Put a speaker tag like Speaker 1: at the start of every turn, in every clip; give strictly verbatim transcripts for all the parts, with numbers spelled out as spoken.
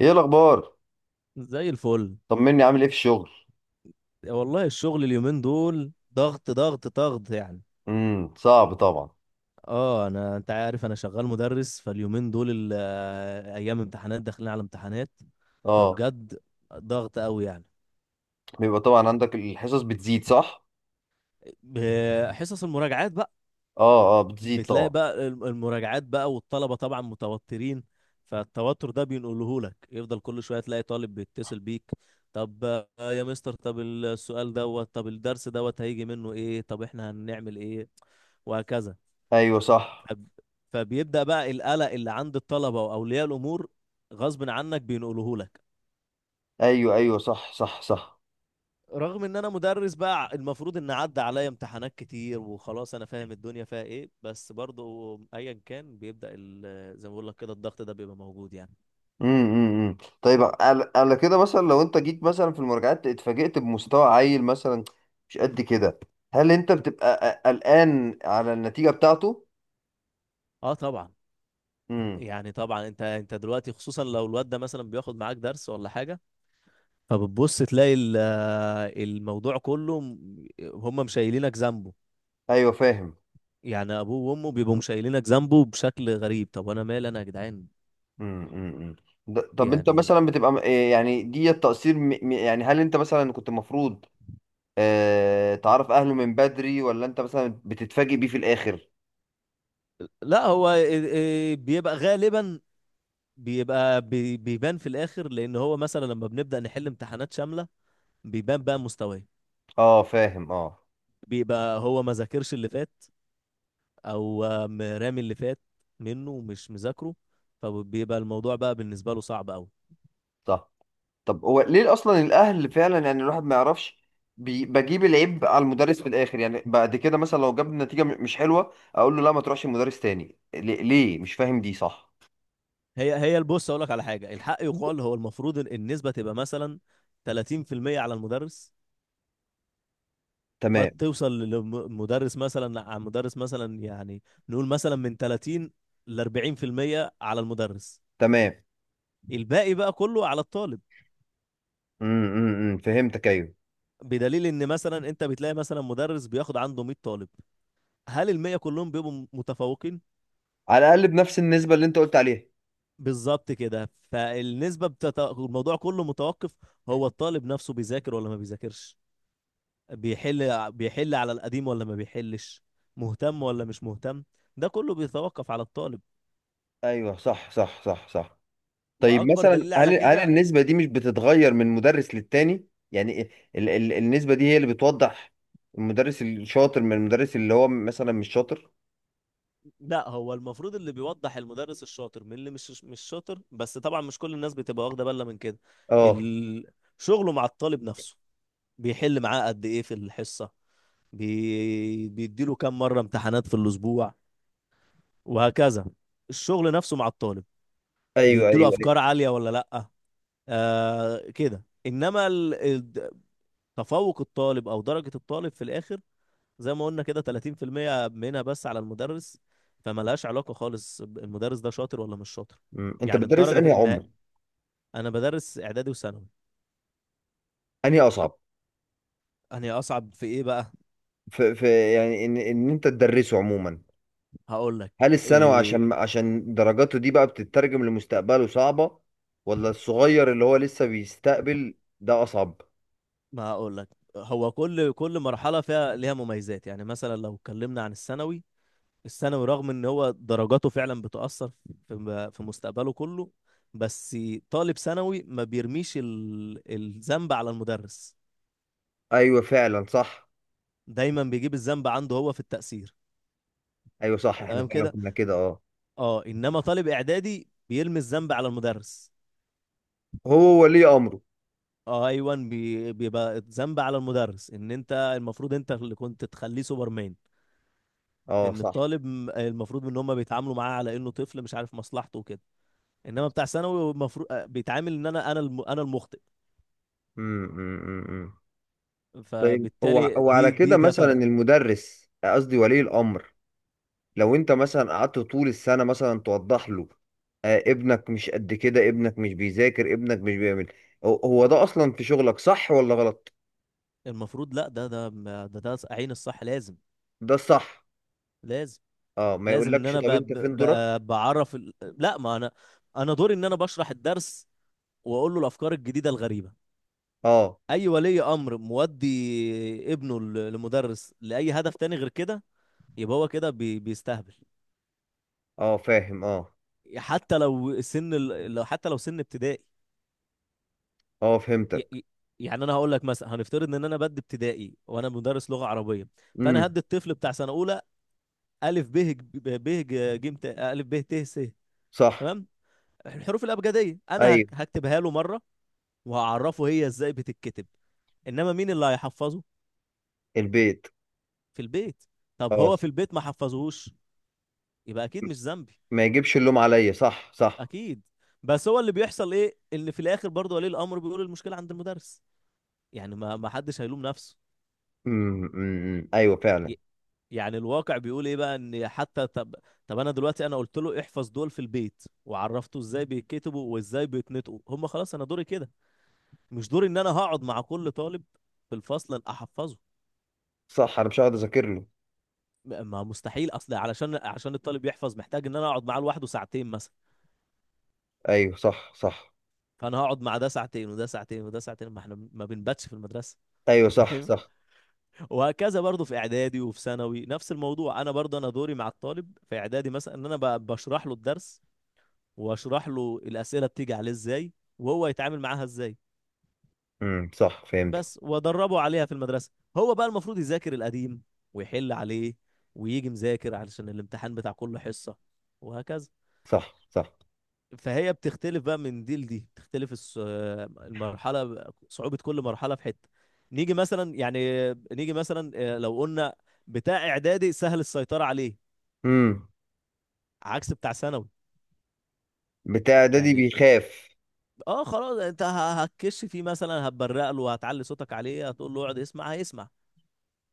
Speaker 1: ايه الاخبار؟
Speaker 2: زي الفل.
Speaker 1: طمني، عامل ايه في الشغل؟
Speaker 2: والله الشغل اليومين دول ضغط ضغط ضغط يعني.
Speaker 1: امم صعب طبعا.
Speaker 2: اه انا انت عارف انا شغال مدرس، فاليومين دول ال- آه، ايام امتحانات، داخلين على امتحانات،
Speaker 1: اه،
Speaker 2: فبجد ضغط قوي يعني.
Speaker 1: بيبقى طبعا عندك الحصص بتزيد، صح؟
Speaker 2: ب- حصص المراجعات بقى،
Speaker 1: اه، اه، بتزيد
Speaker 2: بتلاقي
Speaker 1: طبعا.
Speaker 2: بقى الم- المراجعات بقى، والطلبة طبعا متوترين، فالتوتر ده بينقله لك. يفضل كل شوية تلاقي طالب بيتصل بيك. طب آه، يا مستر، طب السؤال دوت، طب الدرس دوت هيجي منه ايه، طب احنا هنعمل ايه، وهكذا.
Speaker 1: ايوه، صح.
Speaker 2: فب- فبيبدأ بقى القلق اللي عند الطلبة وأولياء الأمور، غصب عنك بينقله لك.
Speaker 1: ايوه، ايوه، صح، صح، صح.
Speaker 2: رغم ان انا مدرس بقى، المفروض ان عدى عليا امتحانات كتير وخلاص انا فاهم الدنيا فيها ايه، بس برضو ايا كان بيبدأ ال- زي ما بقول لك كده الضغط ده بيبقى موجود يعني.
Speaker 1: امم امم امم. طيب، على على كده مثلا لو انت جيت مثلا في المراجعات، اتفاجئت بمستوى عيل مثلا، مش قد كده. هل انت بتبقى ق- قلقان على النتيجة بتاعته؟
Speaker 2: اه طبعا.
Speaker 1: امم.
Speaker 2: يعني طبعا انت انت دلوقتي، خصوصا لو الواد ده مثلا بياخد معاك درس ولا حاجة، فبتبص تلاقي ال- الموضوع كله، م- هم مشايلينك ذنبه.
Speaker 1: ايوه، فاهم.
Speaker 2: يعني ابوه وامه بيبقوا مشايلينك ذنبه بشكل غريب. طب انا مالي انا يا جدعان؟
Speaker 1: امم امم ده- طب انت
Speaker 2: يعني
Speaker 1: مثلا بتبقى م- إيه يعني، دي التقصير؟ م- م- يعني هل انت مثلا كنت المفروض آه، تعرف اهله من بدري، ولا انت مثلا بتتفاجئ بيه في الاخر؟
Speaker 2: لا، هو إيه- إيه، بيبقى غالبا بيبقى بي- بيبان في الاخر، لان هو مثلا لما بنبدا نحل امتحانات شامله بيبان بقى مستواه.
Speaker 1: اه، فاهم، اه.
Speaker 2: بيبقى هو ما ذاكرش اللي فات، او م- رامي اللي فات منه ومش مذاكره، فبيبقى الموضوع بقى بالنسبه له صعب قوي.
Speaker 1: صح. طب هو ليه اصلا؟ الاهل فعلا يعني الواحد ما يعرفش، بي- بجيب العيب على المدرس في الاخر. يعني بعد كده مثلا لو جاب نتيجة م- مش حلوة، اقول له لا ما تروحش المدرس تاني، ليه ليه؟ مش فاهم، دي صح.
Speaker 2: هي هي البص، اقول لك على حاجه، الحق يقال، هو المفروض إن النسبه تبقى مثلا ثلاثين في المية على المدرس. قد
Speaker 1: تمام.
Speaker 2: توصل للمدرس مثلا، على المدرس مثلا يعني، نقول مثلا من ثلاثين ل اربعين في المية على المدرس،
Speaker 1: تمام.
Speaker 2: الباقي بقى كله على الطالب.
Speaker 1: امم أمم، أمم، فهمتك، ايوه.
Speaker 2: بدليل ان مثلا انت بتلاقي مثلا مدرس بياخد عنده مية طالب، هل ال مية كلهم بيبقوا م- متفوقين؟
Speaker 1: على الاقل بنفس النسبة اللي انت قلت عليها.
Speaker 2: بالظبط كده. فالنسبة بتت... الموضوع كله متوقف، هو الطالب نفسه بيذاكر ولا ما بيذاكرش، بيحل بيحل على القديم ولا ما بيحلش، مهتم ولا مش مهتم. ده كله بيتوقف على الطالب.
Speaker 1: ايوه، صح، صح، صح، صح. طيب
Speaker 2: واكبر
Speaker 1: مثلا،
Speaker 2: دليل
Speaker 1: هل
Speaker 2: على
Speaker 1: هل
Speaker 2: كده،
Speaker 1: النسبة دي مش بتتغير من مدرس للتاني؟ يعني ال ال النسبة دي هي اللي بتوضح المدرس الشاطر من المدرس اللي هو مثلا مش شاطر؟
Speaker 2: لا، هو المفروض اللي بيوضح المدرس الشاطر من اللي مش مش شاطر، بس طبعا مش كل الناس بتبقى واخده بالها من كده.
Speaker 1: اه،
Speaker 2: ال- شغله مع الطالب نفسه، بيحل معاه قد ايه في الحصه، بي... بيديله كام مره امتحانات في الاسبوع، وهكذا. الشغل نفسه مع الطالب،
Speaker 1: ايوه،
Speaker 2: بيديله
Speaker 1: ايوه، ايوه.
Speaker 2: افكار عاليه ولا لا؟ آه كده. انما تفوق الطالب او درجة الطالب في الاخر، زي ما قلنا كده، ثلاثين في المية منها بس على المدرس، فملهاش علاقة خالص ب- المدرس ده شاطر ولا مش شاطر،
Speaker 1: مم. انت
Speaker 2: يعني
Speaker 1: بتدرس
Speaker 2: الدرجة
Speaker 1: انهي
Speaker 2: في ان
Speaker 1: عمر؟
Speaker 2: انا بدرس اعدادي وثانوي.
Speaker 1: انهي اصعب؟
Speaker 2: انا اصعب في ايه بقى؟
Speaker 1: في في يعني ان ان انت تدرسه عموما.
Speaker 2: هقول
Speaker 1: هل
Speaker 2: لك
Speaker 1: الثانوي
Speaker 2: إيه،
Speaker 1: عشان عشان درجاته دي بقى بتترجم لمستقبله صعبة، ولا الصغير اللي هو لسه بيستقبل ده اصعب؟
Speaker 2: ما هقول لك، هو كل كل مرحلة فيها ليها مميزات. يعني مثلا لو اتكلمنا عن الثانوي، الثانوي رغم ان هو درجاته فعلا بتأثر في في مستقبله كله، بس طالب ثانوي ما بيرميش ال- الذنب على المدرس،
Speaker 1: ايوه، فعلا، صح.
Speaker 2: دايما بيجيب الذنب عنده هو في التأثير،
Speaker 1: ايوه، صح، احنا
Speaker 2: تمام
Speaker 1: فعلا
Speaker 2: كده.
Speaker 1: كنا كده، اه.
Speaker 2: اه انما طالب اعدادي بيرمي الذنب على المدرس.
Speaker 1: هو ولي امره.
Speaker 2: اه ايوه، بي- بيبقى الذنب على المدرس، ان انت المفروض انت اللي كنت تخليه سوبرمان،
Speaker 1: اه،
Speaker 2: ان
Speaker 1: صح.
Speaker 2: الطالب، م- المفروض ان هم بيتعاملوا معاه على انه طفل مش عارف مصلحته وكده. انما بتاع ثانوي المفروض آه، بيتعامل ان انا انا الم- انا المخطئ،
Speaker 1: امم، امم، أمم. طيب، هو
Speaker 2: فبالتالي
Speaker 1: هو على
Speaker 2: دي
Speaker 1: كده
Speaker 2: دي ده
Speaker 1: مثلا
Speaker 2: فرق.
Speaker 1: المدرس، قصدي ولي الامر، لو انت مثلا قعدت طول السنه مثلا توضح له، آه ابنك مش قد كده، ابنك مش بيذاكر، ابنك مش بيعمل، هو هو ده اصلا في شغلك، صح ولا غلط؟
Speaker 2: المفروض لا، ده، ده ده, ده عين الصح. لازم،
Speaker 1: ده الصح.
Speaker 2: لازم
Speaker 1: اه، ما
Speaker 2: لازم ان
Speaker 1: يقولكش
Speaker 2: انا ب...
Speaker 1: طب انت
Speaker 2: ب...
Speaker 1: فين دورك؟
Speaker 2: ب... بعرف ال... لا، ما انا، انا دوري ان انا بشرح الدرس واقول له الافكار الجديده الغريبه.
Speaker 1: اه،
Speaker 2: اي ولي امر مودي ابنه ل- لمدرس لاي هدف تاني غير كده يبقى هو كده بي... بيستهبل،
Speaker 1: اه، فاهم، اه.
Speaker 2: حتى لو سن ال... لو حتى لو سن ابتدائي.
Speaker 1: اه،
Speaker 2: ي...
Speaker 1: فهمتك.
Speaker 2: ي- يعني انا هقول لك مثلا، هنفترض ان انا بدي ابتدائي وانا مدرس لغه عربيه،
Speaker 1: امم،
Speaker 2: فانا هدي الطفل بتاع سنه اولى الف ب ب ج ج م ت الف ب ت س،
Speaker 1: صح.
Speaker 2: تمام؟ الحروف الابجديه انا
Speaker 1: ايوه.
Speaker 2: هك- هكتبها له مره، وهعرفه هي ازاي بتتكتب، انما مين اللي هيحفظه؟
Speaker 1: البيت.
Speaker 2: في البيت. طب
Speaker 1: اه،
Speaker 2: هو في البيت ما حفظهوش، يبقى اكيد مش ذنبي،
Speaker 1: ما يجيبش اللوم عليا، صح، صح.
Speaker 2: اكيد. بس هو اللي بيحصل ايه، ان في الاخر برضه ولي الامر بيقول المشكله عند المدرس، يعني ما ما حدش هيلوم نفسه.
Speaker 1: امم، أمم، أمم. ايوه، فعلا،
Speaker 2: ي- يعني الواقع بيقول ايه بقى، ان حتى طب طب انا دلوقتي، انا قلت له احفظ دول في البيت، وعرفته ازاي بيتكتبوا وازاي بيتنطقوا هم، خلاص انا دوري كده، مش دوري ان انا هقعد مع كل طالب في الفصل احفظه.
Speaker 1: صح. انا مش هقعد اذاكر له.
Speaker 2: ما مستحيل، اصل علشان عشان الطالب يحفظ محتاج ان انا اقعد معاه لوحده ساعتين مثلا،
Speaker 1: ايوه، صح، صح.
Speaker 2: فانا هقعد مع ده ساعتين وده ساعتين وده ساعتين، ما احنا ما بنباتش في المدرسه.
Speaker 1: ايوه، صح،
Speaker 2: فاهم.
Speaker 1: صح.
Speaker 2: وهكذا برضو في اعدادي وفي ثانوي نفس الموضوع. انا برضو انا دوري مع الطالب في اعدادي مثلا ان انا ب- بشرح له الدرس، واشرح له الاسئله بتيجي عليه ازاي وهو يتعامل معاها ازاي
Speaker 1: امم، صح، فهمت.
Speaker 2: بس، وادربه عليها في المدرسه. هو بقى المفروض يذاكر القديم ويحل عليه ويجي مذاكر علشان الامتحان بتاع كل حصه، وهكذا.
Speaker 1: صح، صح.
Speaker 2: فهي بتختلف بقى من دي لدي، بتختلف الص- المرحله. صعوبه كل مرحله في حته. نيجي مثلا، يعني نيجي مثلا آه، لو قلنا بتاع اعدادي، سهل السيطره عليه
Speaker 1: امم.
Speaker 2: عكس بتاع ثانوي،
Speaker 1: بتاع ده، دي
Speaker 2: يعني
Speaker 1: بيخاف.
Speaker 2: اه خلاص انت ه- هتكش فيه مثلا، هتبرق له، هتعلي صوتك عليه، هتقول له اقعد اسمع هيسمع،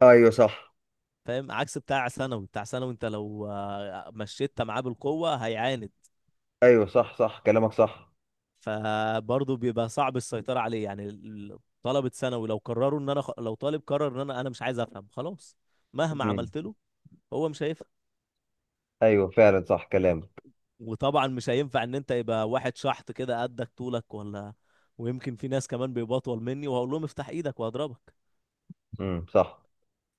Speaker 1: ايوه، صح.
Speaker 2: فاهم؟ عكس بتاع ثانوي. بتاع ثانوي انت لو آه، مشيت معاه بالقوه هيعاند،
Speaker 1: ايوه، صح، صح، كلامك صح.
Speaker 2: فبرضه بيبقى صعب السيطرة عليه، يعني ال- طلبة ثانوي لو قرروا ان انا خ... لو طالب قرر ان انا انا مش عايز افهم، خلاص مهما
Speaker 1: امم.
Speaker 2: عملت له هو مش هيفهم.
Speaker 1: ايوه، فعلا، صح كلامك.
Speaker 2: وطبعا مش هينفع ان انت يبقى واحد شحط كده قدك طولك ولا، ويمكن في ناس كمان بيبقوا اطول مني، وهقول لهم افتح ايدك وهضربك؟
Speaker 1: امم، صح.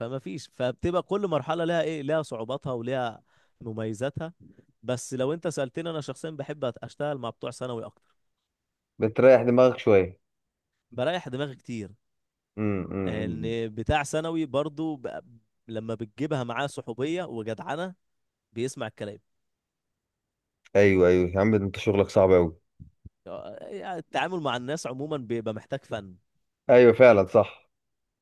Speaker 2: فما فيش، فبتبقى كل مرحلة لها ايه، لها صعوباتها ولها مميزاتها. بس لو انت سألتني انا شخصيا، بحب أت- اشتغل مع بتوع ثانوي اكتر.
Speaker 1: بتريح دماغك شويه؟
Speaker 2: بريح دماغي كتير،
Speaker 1: امم، أمم، أمم.
Speaker 2: ان بتاع ثانوي برضو ب... لما بتجيبها معاه صحوبية وجدعنة بيسمع الكلام.
Speaker 1: ايوه، ايوه، يا عم انت شغلك صعب قوي.
Speaker 2: آه، يعني التعامل مع الناس عموما بيبقى محتاج فن.
Speaker 1: ايوه، فعلا، صح.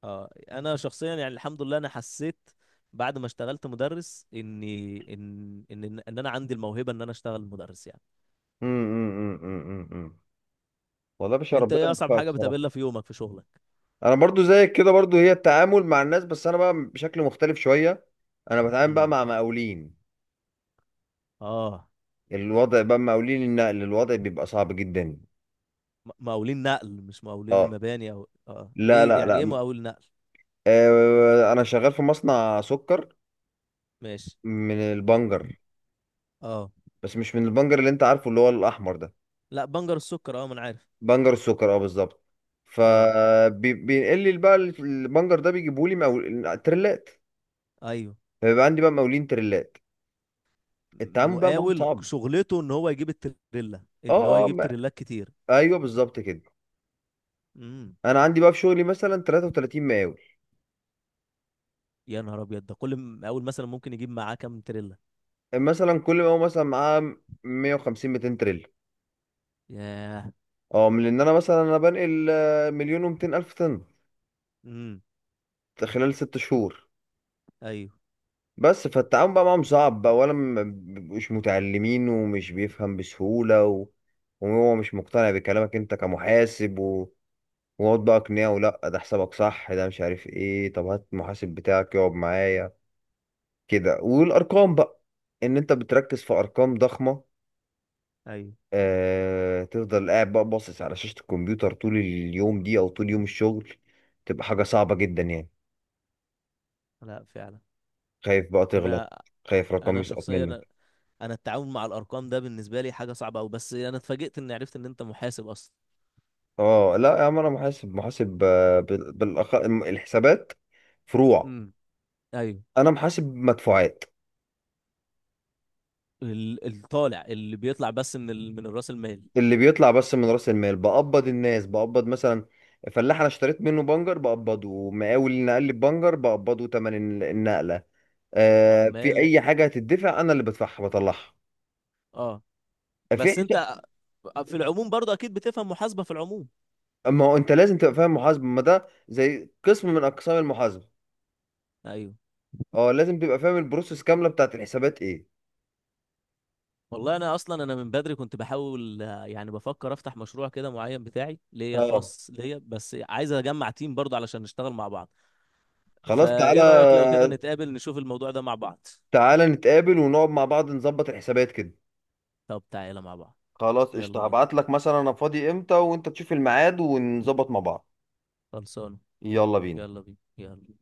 Speaker 2: اه انا شخصيا، يعني الحمد لله، انا حسيت بعد ما اشتغلت مدرس اني ان ان ان إن انا عندي الموهبة ان انا اشتغل مدرس يعني.
Speaker 1: امم، أمم، أمم، أمم، أمم. والله يا باشا
Speaker 2: انت
Speaker 1: ربنا
Speaker 2: ايه اصعب
Speaker 1: يوفقك
Speaker 2: حاجة
Speaker 1: صراحه.
Speaker 2: بتقابلها في يومك، في شغلك؟
Speaker 1: انا برضو زيك كده، برضو هي التعامل مع الناس، بس انا بقى بشكل مختلف شويه. انا بتعامل بقى
Speaker 2: امم
Speaker 1: مع مقاولين.
Speaker 2: اه،
Speaker 1: الوضع بقى مقاولين النقل، الوضع بيبقى صعب جدا.
Speaker 2: م- مقاولين نقل مش مقاولين
Speaker 1: اه.
Speaker 2: مباني؟ او اه
Speaker 1: لا،
Speaker 2: ايه
Speaker 1: لا،
Speaker 2: يعني ايه
Speaker 1: لا.
Speaker 2: مقاول نقل؟
Speaker 1: آه انا شغال في مصنع سكر.
Speaker 2: ماشي.
Speaker 1: من البنجر.
Speaker 2: اه،
Speaker 1: بس مش من البنجر اللي انت عارفه، اللي هو الاحمر ده.
Speaker 2: لا، بنجر السكر، اه ما انا عارف.
Speaker 1: بنجر السكر، اه، بالظبط.
Speaker 2: اه
Speaker 1: فبينقل لي بقى البنجر ده، بيجيبوا لي مقاول تريلات.
Speaker 2: ايوه،
Speaker 1: فبيبقى عندي بقى مقاولين تريلات. التعامل بقى معاهم
Speaker 2: مقاول
Speaker 1: صعب.
Speaker 2: شغلته ان هو يجيب التريلا، ان هو
Speaker 1: اه، اه،
Speaker 2: يجيب
Speaker 1: ما.
Speaker 2: تريلات كتير.
Speaker 1: ايوه، بالظبط كده.
Speaker 2: امم
Speaker 1: انا عندي بقى في شغلي مثلا تلاتة وتلاتين مقاول.
Speaker 2: يا نهار ابيض! ده كل مقاول مثلا ممكن يجيب معاه كام تريلا؟
Speaker 1: مثلا كل مقاول مثلا معاه مئة وخمسين، ميتين تريلا.
Speaker 2: ياه.
Speaker 1: اه، من ان انا مثلا انا بنقل آه، مليون ومتين الف طن،
Speaker 2: امم.
Speaker 1: خلال ست شهور.
Speaker 2: ايوه
Speaker 1: بس فالتعامل بقى معاهم صعب بقى، ولا م- مش متعلمين ومش بيفهم بسهولة، و وهو مش مقتنع بكلامك انت كمحاسب، و ويقعد بقى اقنعه، لا ده حسابك صح، ده مش عارف ايه، طب هات المحاسب بتاعك يقعد معايا كده. والارقام بقى، ان انت بتركز في ارقام ضخمة،
Speaker 2: ايوه.
Speaker 1: آه... تفضل قاعد بقى باصص على شاشة الكمبيوتر طول اليوم دي، او طول يوم الشغل، تبقى حاجة صعبة جدا يعني.
Speaker 2: لا فعلا.
Speaker 1: خايف بقى تغلط،
Speaker 2: انا
Speaker 1: خايف رقم
Speaker 2: انا
Speaker 1: يسقط
Speaker 2: شخصيا
Speaker 1: منك.
Speaker 2: انا أنا التعامل مع الارقام ده بالنسبه لي حاجه صعبه قوي، بس انا اتفاجئت اني عرفت ان انت محاسب اصلا.
Speaker 1: اه، لا يا عم، انا محاسب محاسب. آه، بال- بالأخ... الحسابات فروع.
Speaker 2: امم ايوه،
Speaker 1: انا محاسب مدفوعات.
Speaker 2: ال- الطالع اللي بيطلع بس من ال... من الراس المال؟
Speaker 1: اللي بيطلع بس من راس المال، بقبض الناس، بقبض مثلا فلاح انا اشتريت منه بنجر بقبضه، مقاول اللي نقل لي بنجر بقبضه تمن الن- النقله. آه في
Speaker 2: عمال.
Speaker 1: اي حاجه هتدفع، انا اللي بدفعها بطلعها.
Speaker 2: اه.
Speaker 1: في
Speaker 2: بس انت،
Speaker 1: حس-
Speaker 2: آه، في العموم برضه اكيد بتفهم محاسبه في العموم.
Speaker 1: ما هو انت لازم تبقى فاهم محاسبه، ما ده زي قسم من اقسام المحاسبه.
Speaker 2: ايوه.
Speaker 1: اه، لازم تبقى فاهم البروسيس كامله بتاعت الحسابات ايه.
Speaker 2: والله انا اصلا، انا من بدري كنت بحاول، آه، يعني بفكر افتح مشروع كده معين بتاعي، ليا
Speaker 1: اه،
Speaker 2: خاص ليا، بس عايز اجمع تيم برضه علشان نشتغل مع بعض.
Speaker 1: خلاص
Speaker 2: فايه رأيك لو كده
Speaker 1: تعالى.
Speaker 2: نتقابل نشوف الموضوع ده مع بعض؟
Speaker 1: تعالى نتقابل ونقعد مع بعض، نظبط الحسابات كده.
Speaker 2: طب تعالى مع بعض.
Speaker 1: خلاص
Speaker 2: يلا
Speaker 1: قشطة،
Speaker 2: بينا.
Speaker 1: هبعت لك مثلا انا فاضي امتى، وانت تشوف الميعاد ونظبط مع بعض.
Speaker 2: خلصانه.
Speaker 1: يلا بينا.
Speaker 2: يلا بينا يلا.